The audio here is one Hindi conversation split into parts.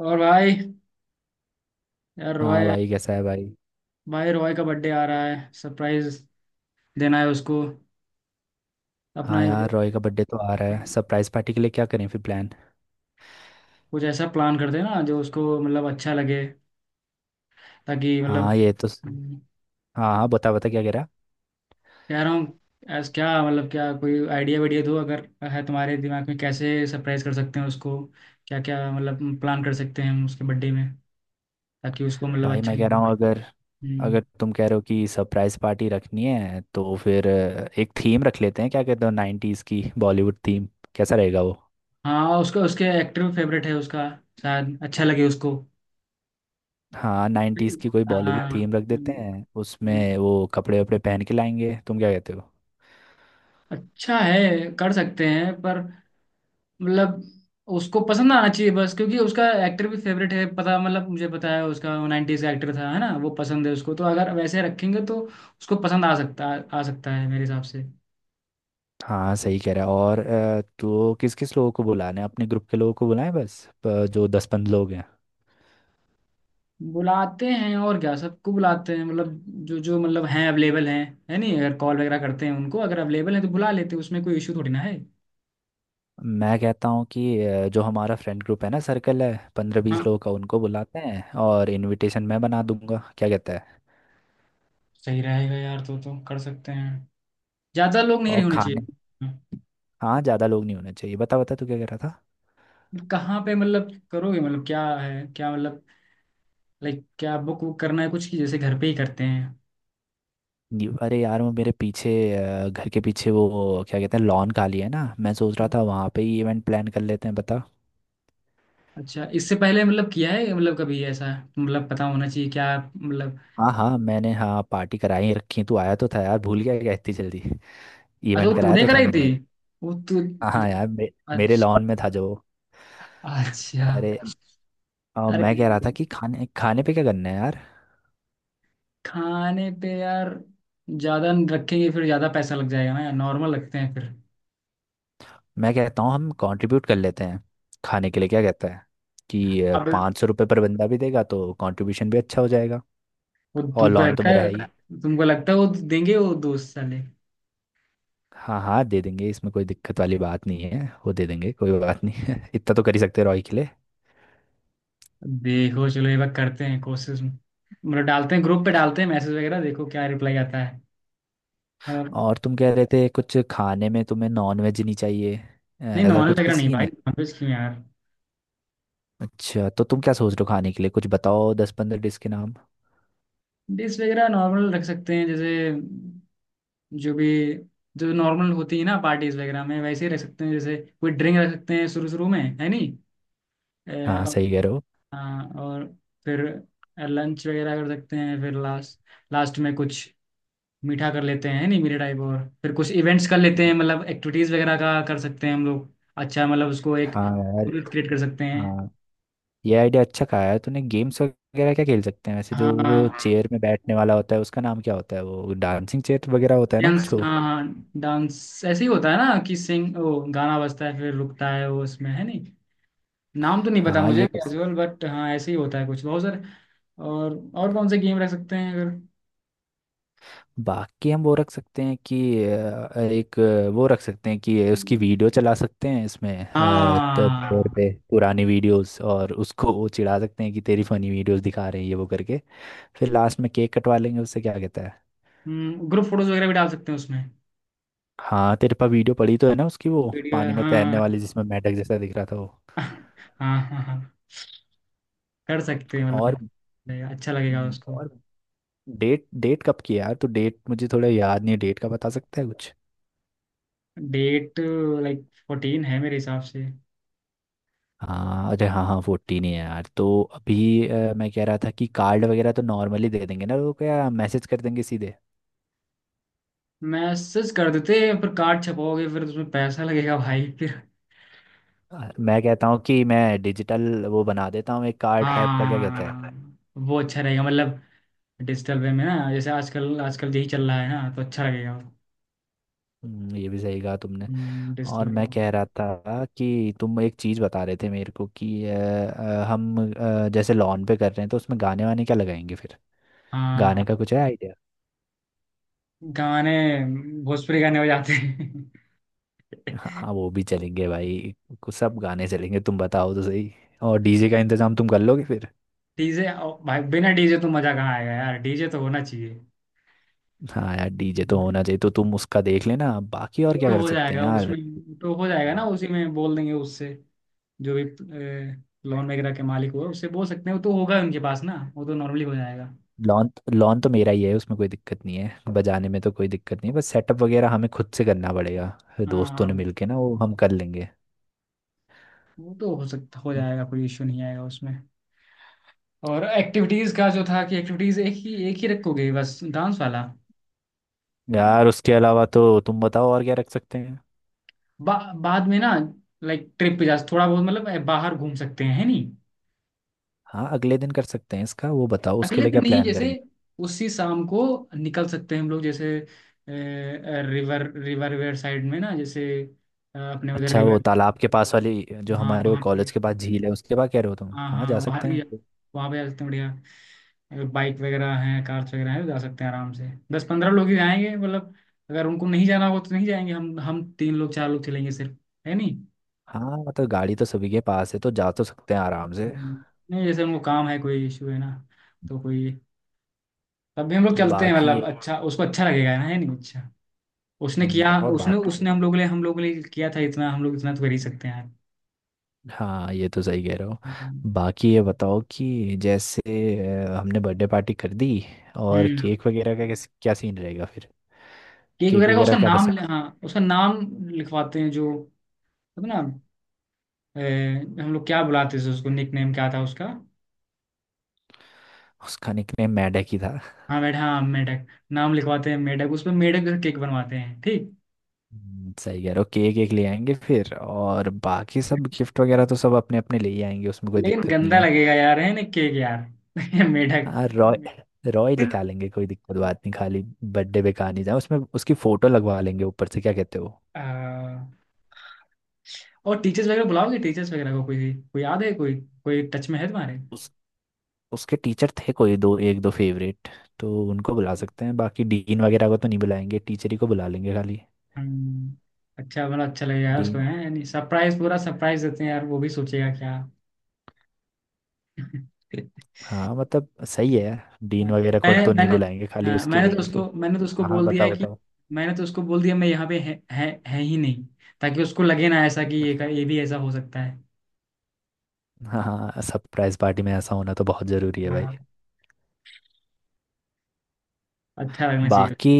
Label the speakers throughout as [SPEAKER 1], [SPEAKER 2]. [SPEAKER 1] और भाई। यार
[SPEAKER 2] हाँ
[SPEAKER 1] रॉय।
[SPEAKER 2] भाई, कैसा है भाई?
[SPEAKER 1] भाई रॉय का बर्थडे आ रहा है, सरप्राइज देना है उसको। अपना
[SPEAKER 2] हाँ
[SPEAKER 1] एक
[SPEAKER 2] यार, रॉय का बर्थडे तो आ रहा है। सरप्राइज पार्टी के लिए क्या करें फिर प्लान?
[SPEAKER 1] कुछ ऐसा प्लान करते हैं ना जो उसको मतलब अच्छा लगे, ताकि मतलब।
[SPEAKER 2] हाँ, ये तो
[SPEAKER 1] हम्म।
[SPEAKER 2] हाँ हाँ, बता बता क्या कह रहा?
[SPEAKER 1] कह रहा हूँ ऐस क्या मतलब, क्या कोई आइडिया वाइडिया दो अगर है तुम्हारे दिमाग में, कैसे सरप्राइज कर सकते हैं उसको। क्या क्या मतलब प्लान कर सकते हैं हम उसके बर्थडे में, ताकि उसको मतलब
[SPEAKER 2] भाई,
[SPEAKER 1] अच्छा
[SPEAKER 2] मैं कह
[SPEAKER 1] लगे।
[SPEAKER 2] रहा हूँ अगर अगर
[SPEAKER 1] हम्म।
[SPEAKER 2] तुम कह रहे हो कि सरप्राइज पार्टी रखनी है तो फिर एक थीम रख लेते हैं। क्या कहते हो, नाइन्टीज़ की बॉलीवुड थीम? कैसा रहेगा वो?
[SPEAKER 1] हाँ, उसका उसके एक्टर फेवरेट है उसका, शायद अच्छा लगे उसको।
[SPEAKER 2] हाँ, नाइन्टीज़ की कोई बॉलीवुड
[SPEAKER 1] हाँ,
[SPEAKER 2] थीम रख देते हैं, उसमें वो कपड़े वपड़े पहन के लाएंगे। तुम क्या कहते हो?
[SPEAKER 1] अच्छा है, कर सकते हैं पर मतलब उसको पसंद आना चाहिए बस, क्योंकि उसका एक्टर भी फेवरेट है, पता मतलब मुझे पता है उसका नाइन्टीज का एक्टर था है ना, वो पसंद है उसको, तो अगर वैसे रखेंगे तो उसको पसंद आ सकता, आ सकता है मेरे हिसाब से।
[SPEAKER 2] हाँ, सही कह रहा है। और तो किस किस लोगों को बुलाना है? अपने ग्रुप के लोगों को बुलाएं बस, जो 10-15 लोग हैं।
[SPEAKER 1] बुलाते हैं और क्या, सबको बुलाते हैं मतलब जो जो मतलब हैं, अवेलेबल हैं। है नहीं, अगर कॉल वगैरह करते हैं उनको, अगर अवेलेबल है तो बुला लेते हैं, उसमें कोई इशू थोड़ी ना है।
[SPEAKER 2] मैं कहता हूँ कि जो हमारा फ्रेंड ग्रुप है ना, सर्कल है पंद्रह
[SPEAKER 1] हाँ,
[SPEAKER 2] बीस लोगों का, उनको बुलाते हैं, और इनविटेशन मैं बना दूंगा। क्या कहता है?
[SPEAKER 1] सही रहेगा यार, तो कर सकते हैं, ज़्यादा लोग नहीं
[SPEAKER 2] और
[SPEAKER 1] होने
[SPEAKER 2] खाने।
[SPEAKER 1] चाहिए।
[SPEAKER 2] हाँ, ज़्यादा लोग नहीं होने चाहिए। बता बता तू क्या कह रहा था?
[SPEAKER 1] कहाँ पे मतलब करोगे, मतलब क्या है, क्या मतलब, लाइक क्या बुक वुक करना है कुछ की, जैसे घर पे ही करते हैं।
[SPEAKER 2] अरे यार, वो मेरे पीछे घर के पीछे वो क्या कहते हैं, लॉन खाली है ना। मैं सोच रहा था वहाँ पे ही इवेंट प्लान कर लेते हैं, बता।
[SPEAKER 1] अच्छा इससे पहले मतलब किया है, मतलब कभी ऐसा, मतलब पता होना चाहिए क्या, मतलब।
[SPEAKER 2] हाँ हाँ, मैंने हाँ पार्टी कराई रखी, तू आया तो था यार, भूल गया क्या इतनी जल्दी?
[SPEAKER 1] अच्छा वो
[SPEAKER 2] इवेंट कराया
[SPEAKER 1] तूने
[SPEAKER 2] तो था
[SPEAKER 1] कराई थी,
[SPEAKER 2] मैंने एक।
[SPEAKER 1] वो तू।
[SPEAKER 2] हाँ हाँ यार, मेरे
[SPEAKER 1] अच्छा।
[SPEAKER 2] लॉन में था जो।
[SPEAKER 1] अच्छा।
[SPEAKER 2] अरे। मैं
[SPEAKER 1] अरे,
[SPEAKER 2] कह रहा था कि खाने खाने पे क्या करना है यार।
[SPEAKER 1] खाने पे यार ज्यादा न रखेंगे, फिर ज्यादा पैसा लग जाएगा ना यार, नॉर्मल रखते हैं फिर।
[SPEAKER 2] मैं कहता हूँ हम कंट्रीब्यूट कर लेते हैं खाने के लिए। क्या कहता है कि
[SPEAKER 1] अब।
[SPEAKER 2] 500 रुपये पर बंदा भी देगा तो कंट्रीब्यूशन भी अच्छा हो जाएगा?
[SPEAKER 1] वो
[SPEAKER 2] और
[SPEAKER 1] तुमको
[SPEAKER 2] लॉन तो
[SPEAKER 1] लगता
[SPEAKER 2] मेरा
[SPEAKER 1] है?
[SPEAKER 2] है ही।
[SPEAKER 1] तुमको लगता है वो देंगे वो दोस्त साले?
[SPEAKER 2] हाँ हाँ, दे देंगे, इसमें कोई दिक्कत वाली बात नहीं है। वो दे देंगे, कोई बात नहीं है। इतना तो कर ही सकते हैं रॉय के लिए।
[SPEAKER 1] देखो चलो एक बार करते हैं कोशिश, मतलब डालते हैं ग्रुप पे, डालते हैं मैसेज वगैरह, देखो क्या रिप्लाई आता है। हाँ।
[SPEAKER 2] और तुम कह रहे थे कुछ खाने में तुम्हें नॉन वेज नहीं चाहिए,
[SPEAKER 1] नहीं,
[SPEAKER 2] ऐसा
[SPEAKER 1] नॉर्मल
[SPEAKER 2] कुछ भी
[SPEAKER 1] वगैरह नहीं
[SPEAKER 2] सीन
[SPEAKER 1] भाई,
[SPEAKER 2] है?
[SPEAKER 1] नॉनवेज क्यों यार।
[SPEAKER 2] अच्छा, तो तुम क्या सोच रहे हो खाने के लिए? कुछ बताओ 10-15 डिश के नाम।
[SPEAKER 1] डिश वगैरह नॉर्मल रख सकते हैं जैसे, जो भी, जो नॉर्मल होती है ना पार्टीज वगैरह में, वैसे ही रख सकते हैं, जैसे कोई ड्रिंक रख सकते हैं शुरू शुरू में है नहीं। अ,
[SPEAKER 2] हाँ,
[SPEAKER 1] और,
[SPEAKER 2] सही कह रहे हो।
[SPEAKER 1] हाँ, और फिर लंच वगैरह कर सकते हैं फिर लास्ट, लास्ट में कुछ मीठा कर लेते हैं है नहीं, मीठे टाइप, और फिर कुछ इवेंट्स कर लेते हैं मतलब एक्टिविटीज वगैरह का कर सकते हैं हम लोग, अच्छा मतलब उसको एक
[SPEAKER 2] हाँ यार।
[SPEAKER 1] क्रिएट कर सकते हैं।
[SPEAKER 2] हाँ, ये आइडिया अच्छा कहा है तूने। गेम्स वगैरह क्या खेल सकते हैं वैसे? जो वो
[SPEAKER 1] हाँ,
[SPEAKER 2] चेयर में बैठने वाला होता है, उसका नाम क्या होता है? वो डांसिंग चेयर वगैरह होता है ना
[SPEAKER 1] डांस
[SPEAKER 2] कुछ, वो।
[SPEAKER 1] हाँ, डांस ऐसे ही होता है ना कि सिंग ओ गाना बजता है फिर रुकता है वो, उसमें है नहीं। नाम तो नहीं पता
[SPEAKER 2] हाँ, ये
[SPEAKER 1] मुझे
[SPEAKER 2] कर सकते।
[SPEAKER 1] कैजुअल बट हाँ, ऐसे ही होता है, कुछ बहुत सारे। और कौन से गेम रख सकते हैं अगर।
[SPEAKER 2] बाकी हम वो रख सकते हैं कि एक, वो रख सकते हैं कि उसकी वीडियो चला सकते हैं इसमें, तब प्लेयर
[SPEAKER 1] हाँ,
[SPEAKER 2] पे पुरानी वीडियोस, और उसको वो चिढ़ा सकते हैं कि तेरी फनी वीडियोस दिखा रहे हैं ये वो करके। फिर लास्ट में केक कटवा लेंगे उससे। क्या कहता है?
[SPEAKER 1] ग्रुप फोटोज वगैरह भी डाल सकते हैं उसमें।
[SPEAKER 2] हाँ, तेरे पास वीडियो पड़ी तो है ना उसकी, वो
[SPEAKER 1] वीडियो है,
[SPEAKER 2] पानी में तैरने
[SPEAKER 1] हाँ।
[SPEAKER 2] वाली जिसमें मेंढक जैसा दिख रहा था वो।
[SPEAKER 1] हाँ, हाँ, हाँ। कर सकते हैं
[SPEAKER 2] और।
[SPEAKER 1] मतलब, अच्छा लगेगा उसको।
[SPEAKER 2] और। डेट डेट कब की है यार? तो डेट मुझे थोड़ा याद नहीं है, डेट का बता सकता है कुछ?
[SPEAKER 1] डेट, लाइक फोर्टीन है मेरे हिसाब से।
[SPEAKER 2] हाँ, अरे हाँ हाँ, 14 ही है यार। तो अभी मैं कह रहा था कि कार्ड वगैरह तो नॉर्मली दे देंगे ना, वो क्या मैसेज कर देंगे सीधे?
[SPEAKER 1] मैसेज कर देते हैं, पर कार्ड छपाओगे फिर उसमें पैसा लगेगा भाई फिर।
[SPEAKER 2] मैं कहता हूँ कि मैं डिजिटल वो बना देता हूँ एक कार्ड टाइप का। क्या कहता है?
[SPEAKER 1] हाँ, वो अच्छा रहेगा मतलब, डिजिटल वे में ना, जैसे आजकल आजकल यही चल रहा है ना तो अच्छा लगेगा।
[SPEAKER 2] ये भी सही कहा तुमने।
[SPEAKER 1] डिजिटल
[SPEAKER 2] और
[SPEAKER 1] वे
[SPEAKER 2] मैं
[SPEAKER 1] में।
[SPEAKER 2] कह रहा था कि तुम एक चीज़ बता रहे थे मेरे को कि हम जैसे लॉन पे कर रहे हैं तो उसमें गाने वाने क्या लगाएंगे फिर? गाने का
[SPEAKER 1] हाँ,
[SPEAKER 2] कुछ है?
[SPEAKER 1] गाने भोजपुरी गाने हो जाते हैं।
[SPEAKER 2] हाँ, वो भी चलेंगे भाई। कुछ सब गाने चलेंगे, तुम बताओ तो सही। और डीजे का इंतजाम तुम कर लोगे फिर?
[SPEAKER 1] डीजे। भाई बिना डीजे तो मजा कहाँ आएगा यार, डीजे तो होना चाहिए।
[SPEAKER 2] हाँ यार, डीजे तो होना चाहिए। तो तुम उसका देख लेना। बाकी
[SPEAKER 1] वो
[SPEAKER 2] और क्या
[SPEAKER 1] तो
[SPEAKER 2] कर
[SPEAKER 1] हो
[SPEAKER 2] सकते हैं
[SPEAKER 1] जाएगा
[SPEAKER 2] यार?
[SPEAKER 1] उसमें, तो हो जाएगा ना, उसी में बोल देंगे उससे, जो भी लोन वगैरह के मालिक हुए उससे बोल सकते हैं, वो तो होगा उनके पास ना, वो तो नॉर्मली हो जाएगा।
[SPEAKER 2] लॉन लॉन तो मेरा ही है, उसमें कोई दिक्कत नहीं है, बजाने में तो कोई दिक्कत नहीं है, बस सेटअप वगैरह हमें खुद से करना पड़ेगा। फिर दोस्तों ने
[SPEAKER 1] हाँ,
[SPEAKER 2] मिलके ना वो हम कर लेंगे।
[SPEAKER 1] वो तो हो सकता हो जाएगा, कोई इशू नहीं आएगा उसमें। और एक्टिविटीज का जो था कि एक्टिविटीज एक ही रखोगे बस, डांस वाला?
[SPEAKER 2] यार, उसके अलावा तो तुम बताओ और क्या रख सकते हैं?
[SPEAKER 1] बाद में ना, लाइक ट्रिप पे जा थोड़ा बहुत मतलब बाहर घूम सकते हैं है नहीं।
[SPEAKER 2] हाँ, अगले दिन कर सकते हैं इसका। वो बताओ उसके
[SPEAKER 1] अगले
[SPEAKER 2] लिए
[SPEAKER 1] दिन
[SPEAKER 2] क्या
[SPEAKER 1] नहीं,
[SPEAKER 2] प्लान
[SPEAKER 1] जैसे
[SPEAKER 2] करेंगे।
[SPEAKER 1] उसी शाम को निकल सकते हैं हम लोग, जैसे रिवर रिवर वेयर साइड में ना, जैसे अपने उधर
[SPEAKER 2] अच्छा, वो
[SPEAKER 1] रिवर।
[SPEAKER 2] तालाब के पास वाली, जो
[SPEAKER 1] हाँ
[SPEAKER 2] हमारे वो
[SPEAKER 1] वहाँ पे,
[SPEAKER 2] कॉलेज के पास झील है, उसके पास कह रहे हो तुम?
[SPEAKER 1] हाँ
[SPEAKER 2] हाँ,
[SPEAKER 1] हाँ
[SPEAKER 2] जा
[SPEAKER 1] वहाँ
[SPEAKER 2] सकते
[SPEAKER 1] भी,
[SPEAKER 2] हैं।
[SPEAKER 1] वहाँ भी जा सकते हैं बढ़िया। अगर बाइक वगैरह हैं कार्स वगैरह हैं तो जा सकते हैं आराम से, दस पंद्रह लोग ही जाएंगे मतलब, अगर उनको नहीं जाना होगा तो नहीं जाएंगे, हम तीन लोग चार लोग चलेंगे सिर्फ है नहीं।
[SPEAKER 2] हाँ मतलब, गाड़ी तो सभी के पास है, तो जा तो सकते हैं आराम से।
[SPEAKER 1] हम्म। नहीं जैसे उनको काम है कोई इशू है ना, तो कोई, तब भी हम लोग चलते हैं
[SPEAKER 2] बाकी
[SPEAKER 1] मतलब,
[SPEAKER 2] ये।
[SPEAKER 1] अच्छा उसको अच्छा लगेगा ना है नहीं, अच्छा। उसने किया
[SPEAKER 2] और
[SPEAKER 1] उसने
[SPEAKER 2] बाकी।
[SPEAKER 1] उसने हम लोग के लिए, किया था इतना, हम लोग इतना तो कर ही सकते हैं यार।
[SPEAKER 2] हाँ, ये तो सही कह रहे हो। बाकी ये बताओ कि जैसे हमने बर्थडे पार्टी कर दी, और
[SPEAKER 1] हम्म।
[SPEAKER 2] केक वगैरह का कैसे क्या सीन रहेगा फिर?
[SPEAKER 1] केक
[SPEAKER 2] केक
[SPEAKER 1] वगैरह का
[SPEAKER 2] वगैरह
[SPEAKER 1] उसका
[SPEAKER 2] क्या
[SPEAKER 1] नाम,
[SPEAKER 2] पसंद
[SPEAKER 1] हाँ
[SPEAKER 2] है?
[SPEAKER 1] उसका नाम लिखवाते हैं जो होता है ना, ए, हम लोग क्या बुलाते थे उसको, निक नेम क्या था उसका?
[SPEAKER 2] उसका निकनेम मैडक ही था।
[SPEAKER 1] हाँ, मेढक हाँ मेढक, नाम लिखवाते हैं मेढक, उसमें मेढक का केक बनवाते हैं ठीक।
[SPEAKER 2] सही कह रहे हो। केक एक ले आएंगे फिर, और बाकी सब गिफ्ट वगैरह तो सब अपने अपने ले ही आएंगे, उसमें कोई
[SPEAKER 1] लेकिन
[SPEAKER 2] दिक्कत नहीं
[SPEAKER 1] गंदा
[SPEAKER 2] है।
[SPEAKER 1] लगेगा यार है ना, केक यार। मेढक।
[SPEAKER 2] हाँ, रॉय। रॉय लिखा लेंगे, कोई दिक्कत बात नहीं। खाली बर्थडे पे कहा नहीं जाए उसमें, उसकी फोटो लगवा लेंगे ऊपर से। क्या कहते हो?
[SPEAKER 1] आ, और टीचर्स वगैरह बुलाओगे? टीचर्स वगैरह को, कोई कोई याद है, कोई कोई टच में है तुम्हारे?
[SPEAKER 2] उस उसके टीचर थे कोई, दो एक दो फेवरेट। तो उनको बुला सकते हैं, बाकी डीन वगैरह को तो नहीं बुलाएंगे, टीचर ही को बुला लेंगे खाली।
[SPEAKER 1] हम्म। अच्छा मतलब अच्छा लगेगा यार उसको
[SPEAKER 2] डीन।
[SPEAKER 1] है नहीं, सरप्राइज पूरा सरप्राइज देते हैं यार, वो भी सोचेगा क्या।
[SPEAKER 2] हाँ मतलब, सही है यार, डीन
[SPEAKER 1] हाँ।
[SPEAKER 2] वगैरह को
[SPEAKER 1] मैंने
[SPEAKER 2] तो नहीं
[SPEAKER 1] मैंने
[SPEAKER 2] बुलाएंगे, खाली
[SPEAKER 1] हाँ
[SPEAKER 2] उसके
[SPEAKER 1] मैंने तो
[SPEAKER 2] एक दो।
[SPEAKER 1] उसको मैंने तो उसको
[SPEAKER 2] हाँ हाँ,
[SPEAKER 1] बोल दिया है
[SPEAKER 2] बताओ
[SPEAKER 1] कि,
[SPEAKER 2] बताओ।
[SPEAKER 1] मैंने तो उसको बोल दिया मैं यहाँ पे है ही नहीं, ताकि उसको लगे ना ऐसा कि ये ये भी ऐसा हो सकता है।
[SPEAKER 2] हाँ हाँ, सरप्राइज पार्टी में ऐसा होना तो बहुत ज़रूरी है भाई।
[SPEAKER 1] हाँ अच्छा लगना चाहिए।
[SPEAKER 2] बाकी।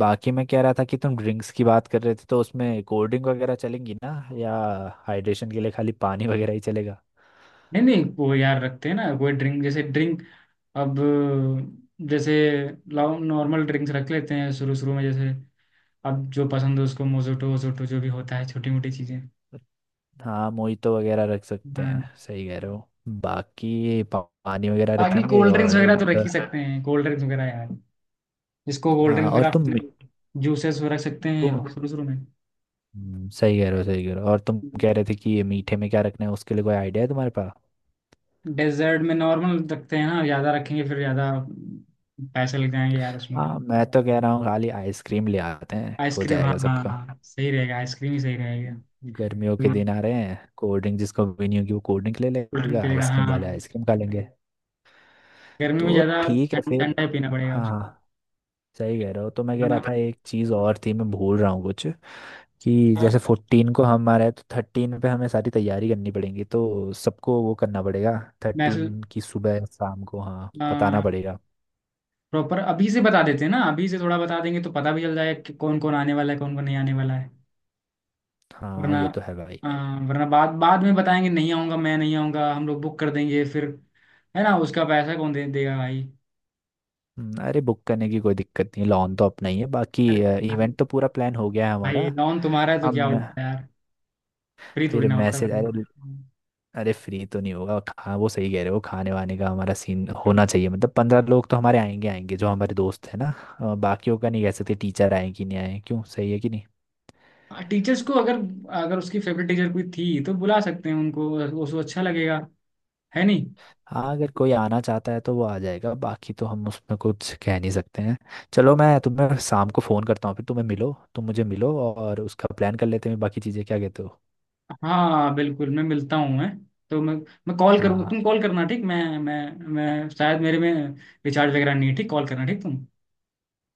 [SPEAKER 2] बाकी मैं कह रहा था कि तुम ड्रिंक्स की बात कर रहे थे, तो उसमें कोल्ड ड्रिंक वगैरह चलेंगी ना? या हाइड्रेशन के लिए खाली पानी वगैरह ही चलेगा?
[SPEAKER 1] नहीं नहीं, वो यार रखते हैं ना कोई ड्रिंक जैसे ड्रिंक, अब, जैसे नॉर्मल ड्रिंक्स रख लेते हैं शुरू शुरू में, जैसे अब जो पसंद हो उसको मोजोटो वोजोटो जो भी होता है छोटी मोटी चीजें।
[SPEAKER 2] हाँ, मोहितो वगैरह रख सकते हैं,
[SPEAKER 1] हाँ,
[SPEAKER 2] सही कह रहे हो। बाकी पानी वगैरह रख
[SPEAKER 1] बाकी
[SPEAKER 2] लेंगे
[SPEAKER 1] कोल्ड ड्रिंक्स
[SPEAKER 2] और
[SPEAKER 1] वगैरह तो रख ही सकते हैं कोल्ड ड्रिंक्स वगैरह यार, जिसको कोल्ड
[SPEAKER 2] हाँ,
[SPEAKER 1] ड्रिंक्स
[SPEAKER 2] और तुम
[SPEAKER 1] वगैरह, जूसेस रख सकते हैं
[SPEAKER 2] तुम।
[SPEAKER 1] शुरू शुरू में।
[SPEAKER 2] सही कह रहे हो, सही कह रहे हो। और तुम कह रहे थे कि ये मीठे में क्या रखना है, उसके लिए कोई आइडिया है तुम्हारे पास?
[SPEAKER 1] डेजर्ट में नॉर्मल रखते हैं ना, ज्यादा रखेंगे फिर ज्यादा पैसे लग जाएंगे यार उसमें।
[SPEAKER 2] हाँ, मैं तो कह रहा हूँ खाली आइसक्रीम ले आते हैं, हो
[SPEAKER 1] आइसक्रीम हाँ
[SPEAKER 2] जाएगा
[SPEAKER 1] हाँ
[SPEAKER 2] सबका।
[SPEAKER 1] हाँ, सही रहेगा, आइसक्रीम ही सही रहेगा।
[SPEAKER 2] गर्मियों के
[SPEAKER 1] कोल्ड
[SPEAKER 2] दिन आ रहे हैं, कोल्ड ड्रिंक जिसको भी नहीं होगी वो कोल्ड ड्रिंक ले
[SPEAKER 1] ड्रिंक
[SPEAKER 2] लेगा,
[SPEAKER 1] पी लेगा हाँ
[SPEAKER 2] आइसक्रीम वाले
[SPEAKER 1] हाँ।
[SPEAKER 2] आइसक्रीम खा लेंगे।
[SPEAKER 1] गर्मी में
[SPEAKER 2] तो
[SPEAKER 1] ज्यादा
[SPEAKER 2] ठीक है फिर।
[SPEAKER 1] ठंडा ही पीना पड़ेगा।
[SPEAKER 2] हाँ हाँ, सही कह रहे हो। तो मैं
[SPEAKER 1] उसको
[SPEAKER 2] कह रहा
[SPEAKER 1] ना-
[SPEAKER 2] था एक चीज़ और थी, मैं भूल रहा हूँ कुछ। कि जैसे
[SPEAKER 1] यार
[SPEAKER 2] 14 को हम आ रहे हैं, तो 13 पे हमें सारी तैयारी करनी पड़ेगी, तो सबको वो करना पड़ेगा।
[SPEAKER 1] मैसेज
[SPEAKER 2] 13 की सुबह शाम को हाँ बताना पड़ेगा।
[SPEAKER 1] प्रॉपर अभी से बता देते हैं ना, अभी से थोड़ा बता देंगे तो पता भी चल जाएगा कि कौन कौन आने वाला है कौन कौन नहीं आने वाला है,
[SPEAKER 2] हाँ,
[SPEAKER 1] वरना
[SPEAKER 2] ये तो है भाई।
[SPEAKER 1] अ, वरना बाद बाद में बताएंगे नहीं आऊंगा मैं नहीं आऊंगा, हम लोग बुक कर देंगे फिर, है ना उसका पैसा कौन दे देगा भाई।
[SPEAKER 2] अरे, बुक करने की कोई दिक्कत नहीं, लॉन तो अपना ही है बाकी।
[SPEAKER 1] अरे
[SPEAKER 2] इवेंट तो पूरा प्लान हो गया है
[SPEAKER 1] भाई
[SPEAKER 2] हमारा।
[SPEAKER 1] नॉन तुम्हारा है तो क्या
[SPEAKER 2] हम।
[SPEAKER 1] होता है यार, फ्री थोड़ी
[SPEAKER 2] फिर
[SPEAKER 1] ना होता है।
[SPEAKER 2] मैसेज, अरे। अरे, फ्री तो नहीं होगा। खा वो सही कह रहे हो, खाने वाने का हमारा सीन होना चाहिए। मतलब 15 लोग तो हमारे आएंगे आएंगे, जो हमारे दोस्त है ना। बाकियों का नहीं कह सकते, टीचर आए कि नहीं आए क्यों, सही है कि नहीं?
[SPEAKER 1] कोई टीचर्स को अगर, अगर उसकी फेवरेट टीचर कोई थी तो बुला सकते हैं उनको, उसको अच्छा लगेगा है नहीं।
[SPEAKER 2] हाँ, अगर कोई आना चाहता है तो वो आ जाएगा, बाकी तो हम उसमें कुछ कह नहीं सकते हैं। चलो,
[SPEAKER 1] और-
[SPEAKER 2] मैं तुम्हें शाम को फ़ोन करता हूँ, फिर तुम्हें मिलो तुम मुझे मिलो और उसका प्लान कर लेते हैं बाकी चीज़ें। क्या कहते हो?
[SPEAKER 1] हाँ बिल्कुल, मैं मिलता हूँ। मैं तो मैं कॉल करूँगा,
[SPEAKER 2] हाँ,
[SPEAKER 1] तुम कॉल करना ठीक। मैं शायद मेरे में रिचार्ज वगैरह नहीं है, ठीक कॉल करना ठीक तुम।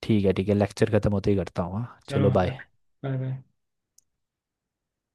[SPEAKER 2] ठीक है ठीक है, लेक्चर ख़त्म होते ही करता हूँ। हाँ,
[SPEAKER 1] चलो
[SPEAKER 2] चलो बाय।
[SPEAKER 1] Bye bye.